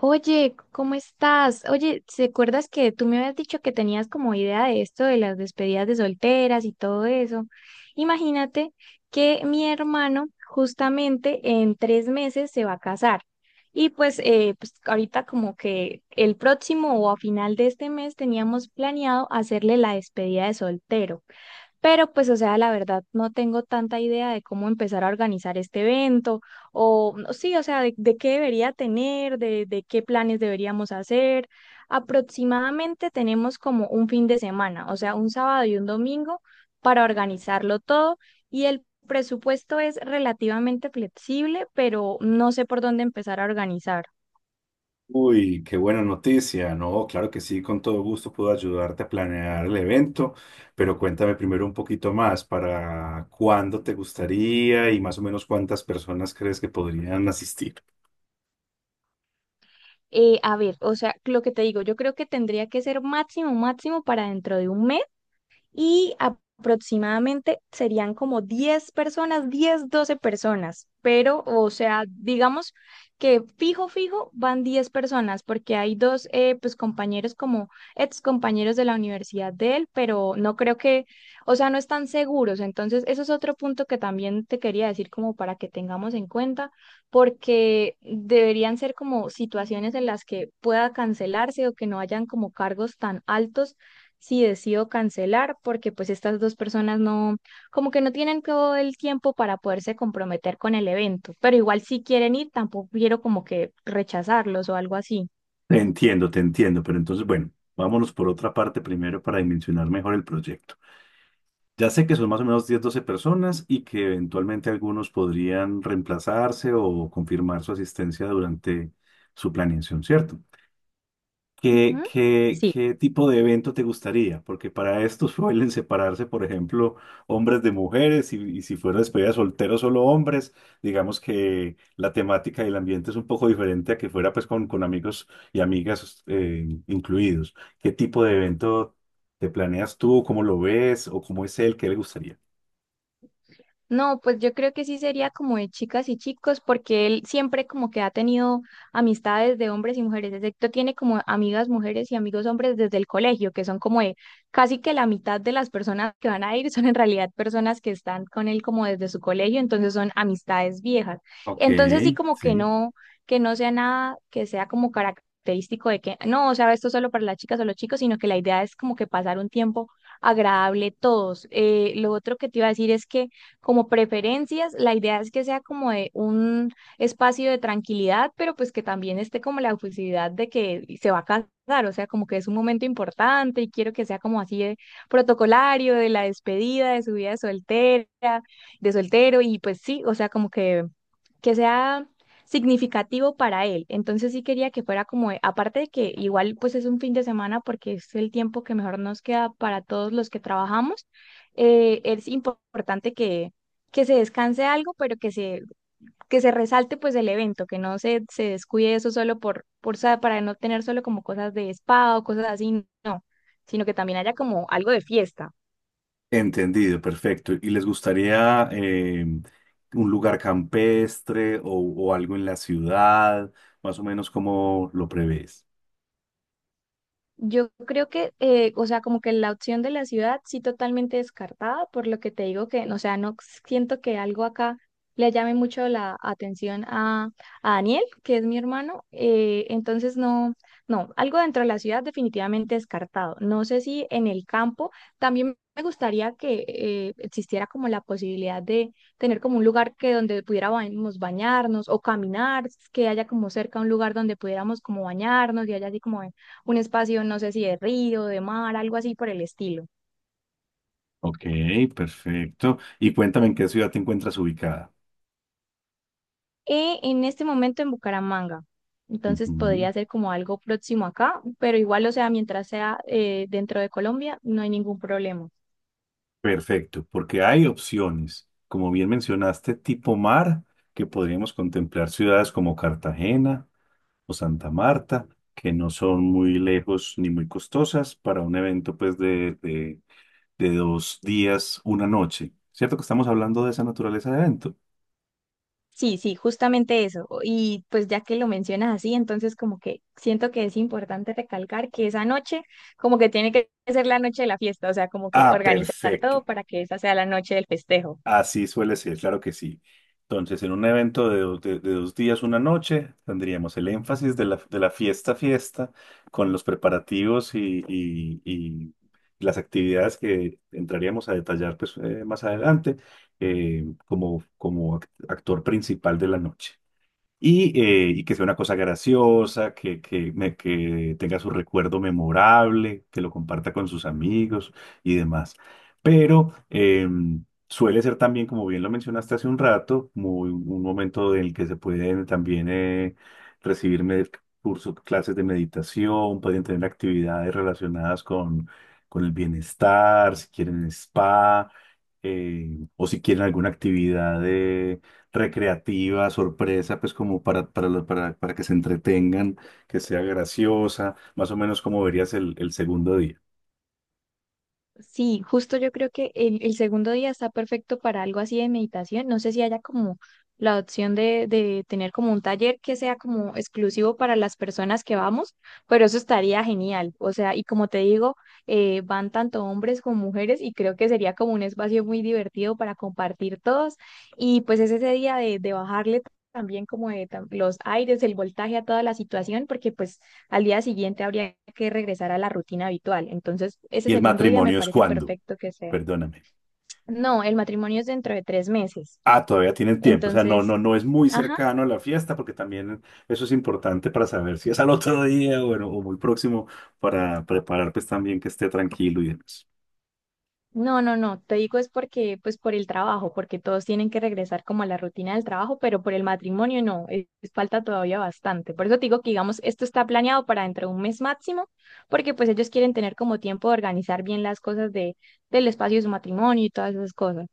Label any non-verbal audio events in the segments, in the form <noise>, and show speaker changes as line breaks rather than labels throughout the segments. Oye, ¿cómo estás? Oye, ¿te acuerdas que tú me habías dicho que tenías como idea de esto de las despedidas de solteras y todo eso? Imagínate que mi hermano justamente en 3 meses se va a casar. Y pues, ahorita como que el próximo o a final de este mes teníamos planeado hacerle la despedida de soltero. Pero pues, o sea, la verdad, no tengo tanta idea de cómo empezar a organizar este evento, o no, sí, o sea, de qué debería tener, de qué planes deberíamos hacer. Aproximadamente tenemos como un fin de semana, o sea, un sábado y un domingo para organizarlo todo y el presupuesto es relativamente flexible, pero no sé por dónde empezar a organizar.
Uy, qué buena noticia. No, claro que sí, con todo gusto puedo ayudarte a planear el evento, pero cuéntame primero un poquito más para cuándo te gustaría y más o menos cuántas personas crees que podrían asistir.
A ver, o sea, lo que te digo, yo creo que tendría que ser máximo, máximo para dentro de un mes y aproximadamente serían como 10 personas, 10, 12 personas, pero o sea, digamos que fijo, fijo van 10 personas porque hay dos pues compañeros como ex compañeros de la universidad de él, pero no creo que, o sea, no están seguros, entonces eso es otro punto que también te quería decir como para que tengamos en cuenta porque deberían ser como situaciones en las que pueda cancelarse o que no hayan como cargos tan altos si decido cancelar, porque pues estas dos personas no, como que no tienen todo el tiempo para poderse comprometer con el evento, pero igual si quieren ir, tampoco quiero como que rechazarlos o algo así.
Te entiendo, pero entonces, bueno, vámonos por otra parte primero para dimensionar mejor el proyecto. Ya sé que son más o menos 10 o 12 personas y que eventualmente algunos podrían reemplazarse o confirmar su asistencia durante su planeación, ¿cierto? ¿Qué,
Ujú.
qué,
Sí.
qué tipo de evento te gustaría? Porque para esto <laughs> suelen separarse, por ejemplo, hombres de mujeres y si fuera despedida de soltero solo hombres, digamos que la temática y el ambiente es un poco diferente a que fuera pues con amigos y amigas incluidos. ¿Qué tipo de evento te planeas tú? ¿Cómo lo ves? ¿O cómo es él? ¿Qué le gustaría?
No, pues yo creo que sí sería como de chicas y chicos, porque él siempre como que ha tenido amistades de hombres y mujeres, excepto tiene como amigas mujeres y amigos hombres desde el colegio, que son como de casi que la mitad de las personas que van a ir son en realidad personas que están con él como desde su colegio, entonces son amistades viejas.
Ok,
Entonces sí como
sí.
que no sea nada que sea como característico de que no, o sea, esto solo para las chicas o los chicos, sino que la idea es como que pasar un tiempo agradable todos. Lo otro que te iba a decir es que como preferencias. La idea es que sea como de un espacio de tranquilidad, pero pues que también esté como la oficialidad de que se va a casar, o sea, como que es un momento importante y quiero que sea como así de protocolario, de la despedida, de su vida de soltera, de soltero y pues sí, o sea, como que sea significativo para él. Entonces sí quería que fuera como, aparte de que igual pues es un fin de semana porque es el tiempo que mejor nos queda para todos los que trabajamos, es importante que se descanse algo, pero que se resalte pues el evento, que no se descuide eso solo para no tener solo como cosas de spa o cosas así, no, sino que también haya como algo de fiesta.
Entendido, perfecto. ¿Y les gustaría un lugar campestre o algo en la ciudad? Más o menos como lo prevés.
Yo creo que, o sea, como que la opción de la ciudad sí totalmente descartada, por lo que te digo que, no, o sea, no siento que algo acá le llame mucho la atención a Daniel, que es mi hermano. Entonces, no, no, algo dentro de la ciudad definitivamente descartado. No sé si en el campo también me gustaría que existiera como la posibilidad de tener como un lugar que donde pudiéramos bañarnos o caminar, que haya como cerca un lugar donde pudiéramos como bañarnos y haya así como un espacio, no sé si de río, de mar, algo así por el estilo.
Ok, perfecto. Y cuéntame en qué ciudad te encuentras ubicada.
Y en este momento en Bucaramanga. Entonces
Ujú,
podría ser como algo próximo acá, pero igual, o sea, mientras sea dentro de Colombia, no hay ningún problema.
perfecto, porque hay opciones. Como bien mencionaste, tipo mar, que podríamos contemplar ciudades como Cartagena o Santa Marta, que no son muy lejos ni muy costosas para un evento pues de 2 días, 1 noche. ¿Cierto que estamos hablando de esa naturaleza de evento?
Sí, sí, justamente eso. Y pues ya que lo mencionas así, entonces como que siento que es importante recalcar que esa noche como que tiene que ser la noche de la fiesta, o sea, como que
Ah,
organizar todo
perfecto.
para que esa sea la noche del festejo.
Así suele ser, claro que sí. Entonces, en un evento de, de 2 días, 1 noche, tendríamos el énfasis de la fiesta, fiesta, con los preparativos y las actividades que entraríamos a detallar pues, más adelante, como, actor principal de la noche. Y que sea una cosa graciosa, que tenga su recuerdo memorable, que lo comparta con sus amigos y demás. Pero suele ser también, como bien lo mencionaste hace un rato, muy, un momento en el que se pueden también recibir cursos, clases de meditación, pueden tener actividades relacionadas con el bienestar, si quieren spa o si quieren alguna actividad de recreativa, sorpresa, pues como para, para que se entretengan, que sea graciosa, más o menos como verías el segundo día.
Sí, justo yo creo que el segundo día está perfecto para algo así de meditación. No sé si haya como la opción de tener como un taller que sea como exclusivo para las personas que vamos, pero eso estaría genial. O sea, y como te digo, van tanto hombres como mujeres y creo que sería como un espacio muy divertido para compartir todos. Y pues es ese día de bajarle también como de los aires, el voltaje a toda la situación, porque pues al día siguiente habría que regresar a la rutina habitual. Entonces, ese
¿Y el
segundo día me
matrimonio es
parece
cuándo?
perfecto que sea.
Perdóname.
No, el matrimonio es dentro de 3 meses.
Ah, todavía tienen tiempo, o sea, no,
Entonces,
no, no es muy
ajá,
cercano a la fiesta, porque también eso es importante para saber si es al otro día o, bueno, o muy próximo para preparar pues también que esté tranquilo y demás.
no, no, no, te digo es porque, pues por el trabajo, porque todos tienen que regresar como a la rutina del trabajo, pero por el matrimonio no, es, falta todavía bastante. Por eso te digo que, digamos, esto está planeado para dentro de un mes máximo, porque pues ellos quieren tener como tiempo de organizar bien las cosas del espacio de su matrimonio y todas esas cosas.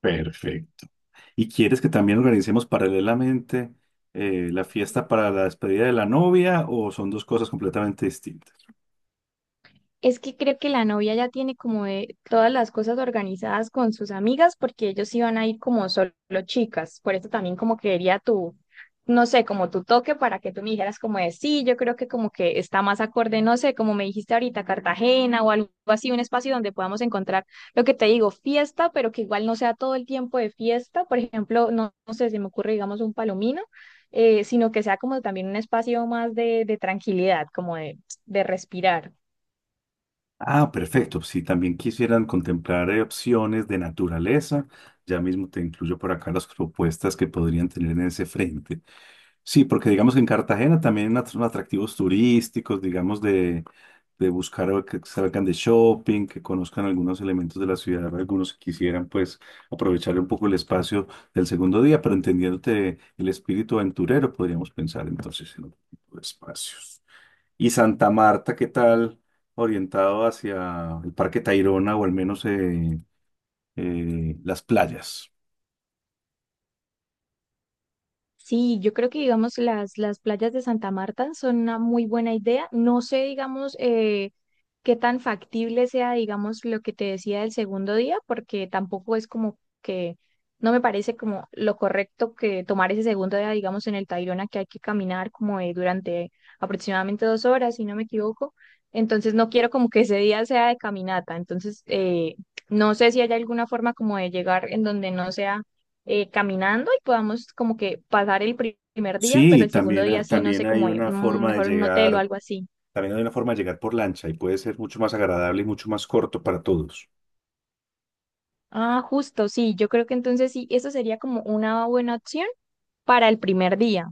Perfecto. ¿Y quieres que también organicemos paralelamente la fiesta para la despedida de la novia o son dos cosas completamente distintas?
Es que creo que la novia ya tiene como de todas las cosas organizadas con sus amigas porque ellos iban a ir como solo chicas. Por eso también como que quería tu, no sé, como tu toque para que tú me dijeras como de sí, yo creo que como que está más acorde, no sé, como me dijiste ahorita, Cartagena o algo así, un espacio donde podamos encontrar lo que te digo, fiesta, pero que igual no sea todo el tiempo de fiesta. Por ejemplo, no, no sé, se me ocurre, digamos, un palomino. Sino que sea como también un espacio más de tranquilidad, como de respirar.
Ah, perfecto. Si también quisieran contemplar opciones de naturaleza, ya mismo te incluyo por acá las propuestas que podrían tener en ese frente. Sí, porque digamos que en Cartagena también son atractivos turísticos, digamos, de buscar o que salgan de shopping, que conozcan algunos elementos de la ciudad, algunos que quisieran pues aprovechar un poco el espacio del segundo día, pero entendiéndote el espíritu aventurero, podríamos pensar entonces en otro tipo de espacios. Y Santa Marta, ¿qué tal? Orientado hacia el Parque Tayrona o al menos las playas.
Sí, yo creo que digamos las playas de Santa Marta son una muy buena idea. No sé, digamos, qué tan factible sea, digamos, lo que te decía del segundo día, porque tampoco es como que no me parece como lo correcto que tomar ese segundo día, digamos, en el Tayrona, que hay que caminar como durante aproximadamente 2 horas, si no me equivoco. Entonces no quiero como que ese día sea de caminata. Entonces, no sé si hay alguna forma como de llegar en donde no sea caminando y podamos como que pasar el primer día, pero
Sí,
el segundo
también, ha-
día sí, no
también
sé,
hay
como
una forma de
mejor en un hotel o
llegar
algo así.
También hay una forma de llegar por lancha y puede ser mucho más agradable y mucho más corto para todos.
Ah, justo, sí, yo creo que entonces sí, eso sería como una buena opción para el primer día.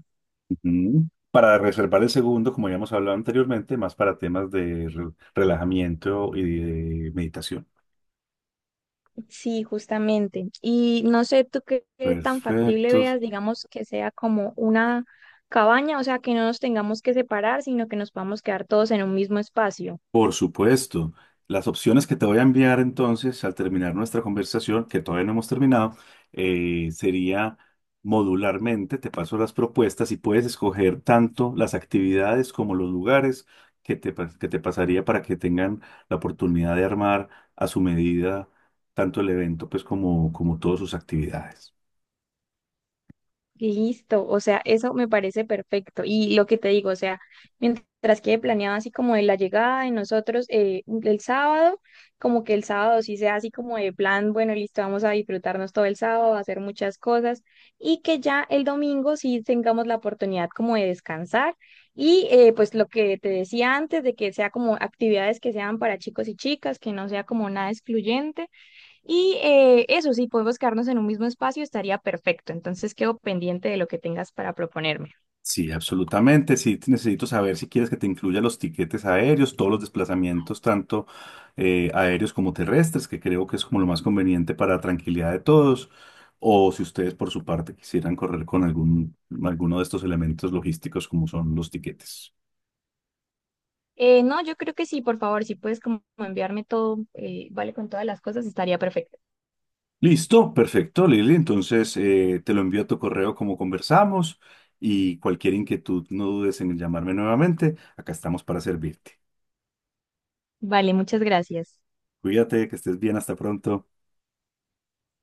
Ujú. Para reservar el segundo, como ya hemos hablado anteriormente, más para temas de relajamiento y de meditación.
Sí, justamente. Y no sé tú qué tan factible
Perfecto.
veas, digamos, que sea como una cabaña, o sea, que no nos tengamos que separar, sino que nos podamos quedar todos en un mismo espacio.
Por supuesto. Las opciones que te voy a enviar entonces al terminar nuestra conversación, que todavía no hemos terminado, sería modularmente, te paso las propuestas y puedes escoger tanto las actividades como los lugares que te pasaría para que tengan la oportunidad de armar a su medida tanto el evento pues como, como todas sus actividades.
Listo, o sea, eso me parece perfecto. Y lo que te digo, o sea, mientras quede planeado así como de la llegada de nosotros el sábado, como que el sábado sí sea así como de plan, bueno, listo, vamos a disfrutarnos todo el sábado, a hacer muchas cosas, y que ya el domingo sí tengamos la oportunidad como de descansar. Y pues lo que te decía antes, de que sea como actividades que sean para chicos y chicas, que no sea como nada excluyente. Y eso, si podemos quedarnos en un mismo espacio, estaría perfecto. Entonces quedo pendiente de lo que tengas para proponerme.
Sí, absolutamente. Sí, necesito saber si quieres que te incluya los tiquetes aéreos, todos los desplazamientos, tanto aéreos como terrestres, que creo que es como lo más conveniente para tranquilidad de todos, o si ustedes por su parte quisieran correr con algún, alguno de estos elementos logísticos como son los tiquetes.
No, yo creo que sí, por favor, si puedes como enviarme todo, vale, con todas las cosas, estaría perfecto.
Listo, perfecto, Lili. Entonces te lo envío a tu correo como conversamos y cualquier inquietud no dudes en llamarme nuevamente. Acá estamos para servirte.
Vale, muchas gracias.
Cuídate, que estés bien, hasta pronto.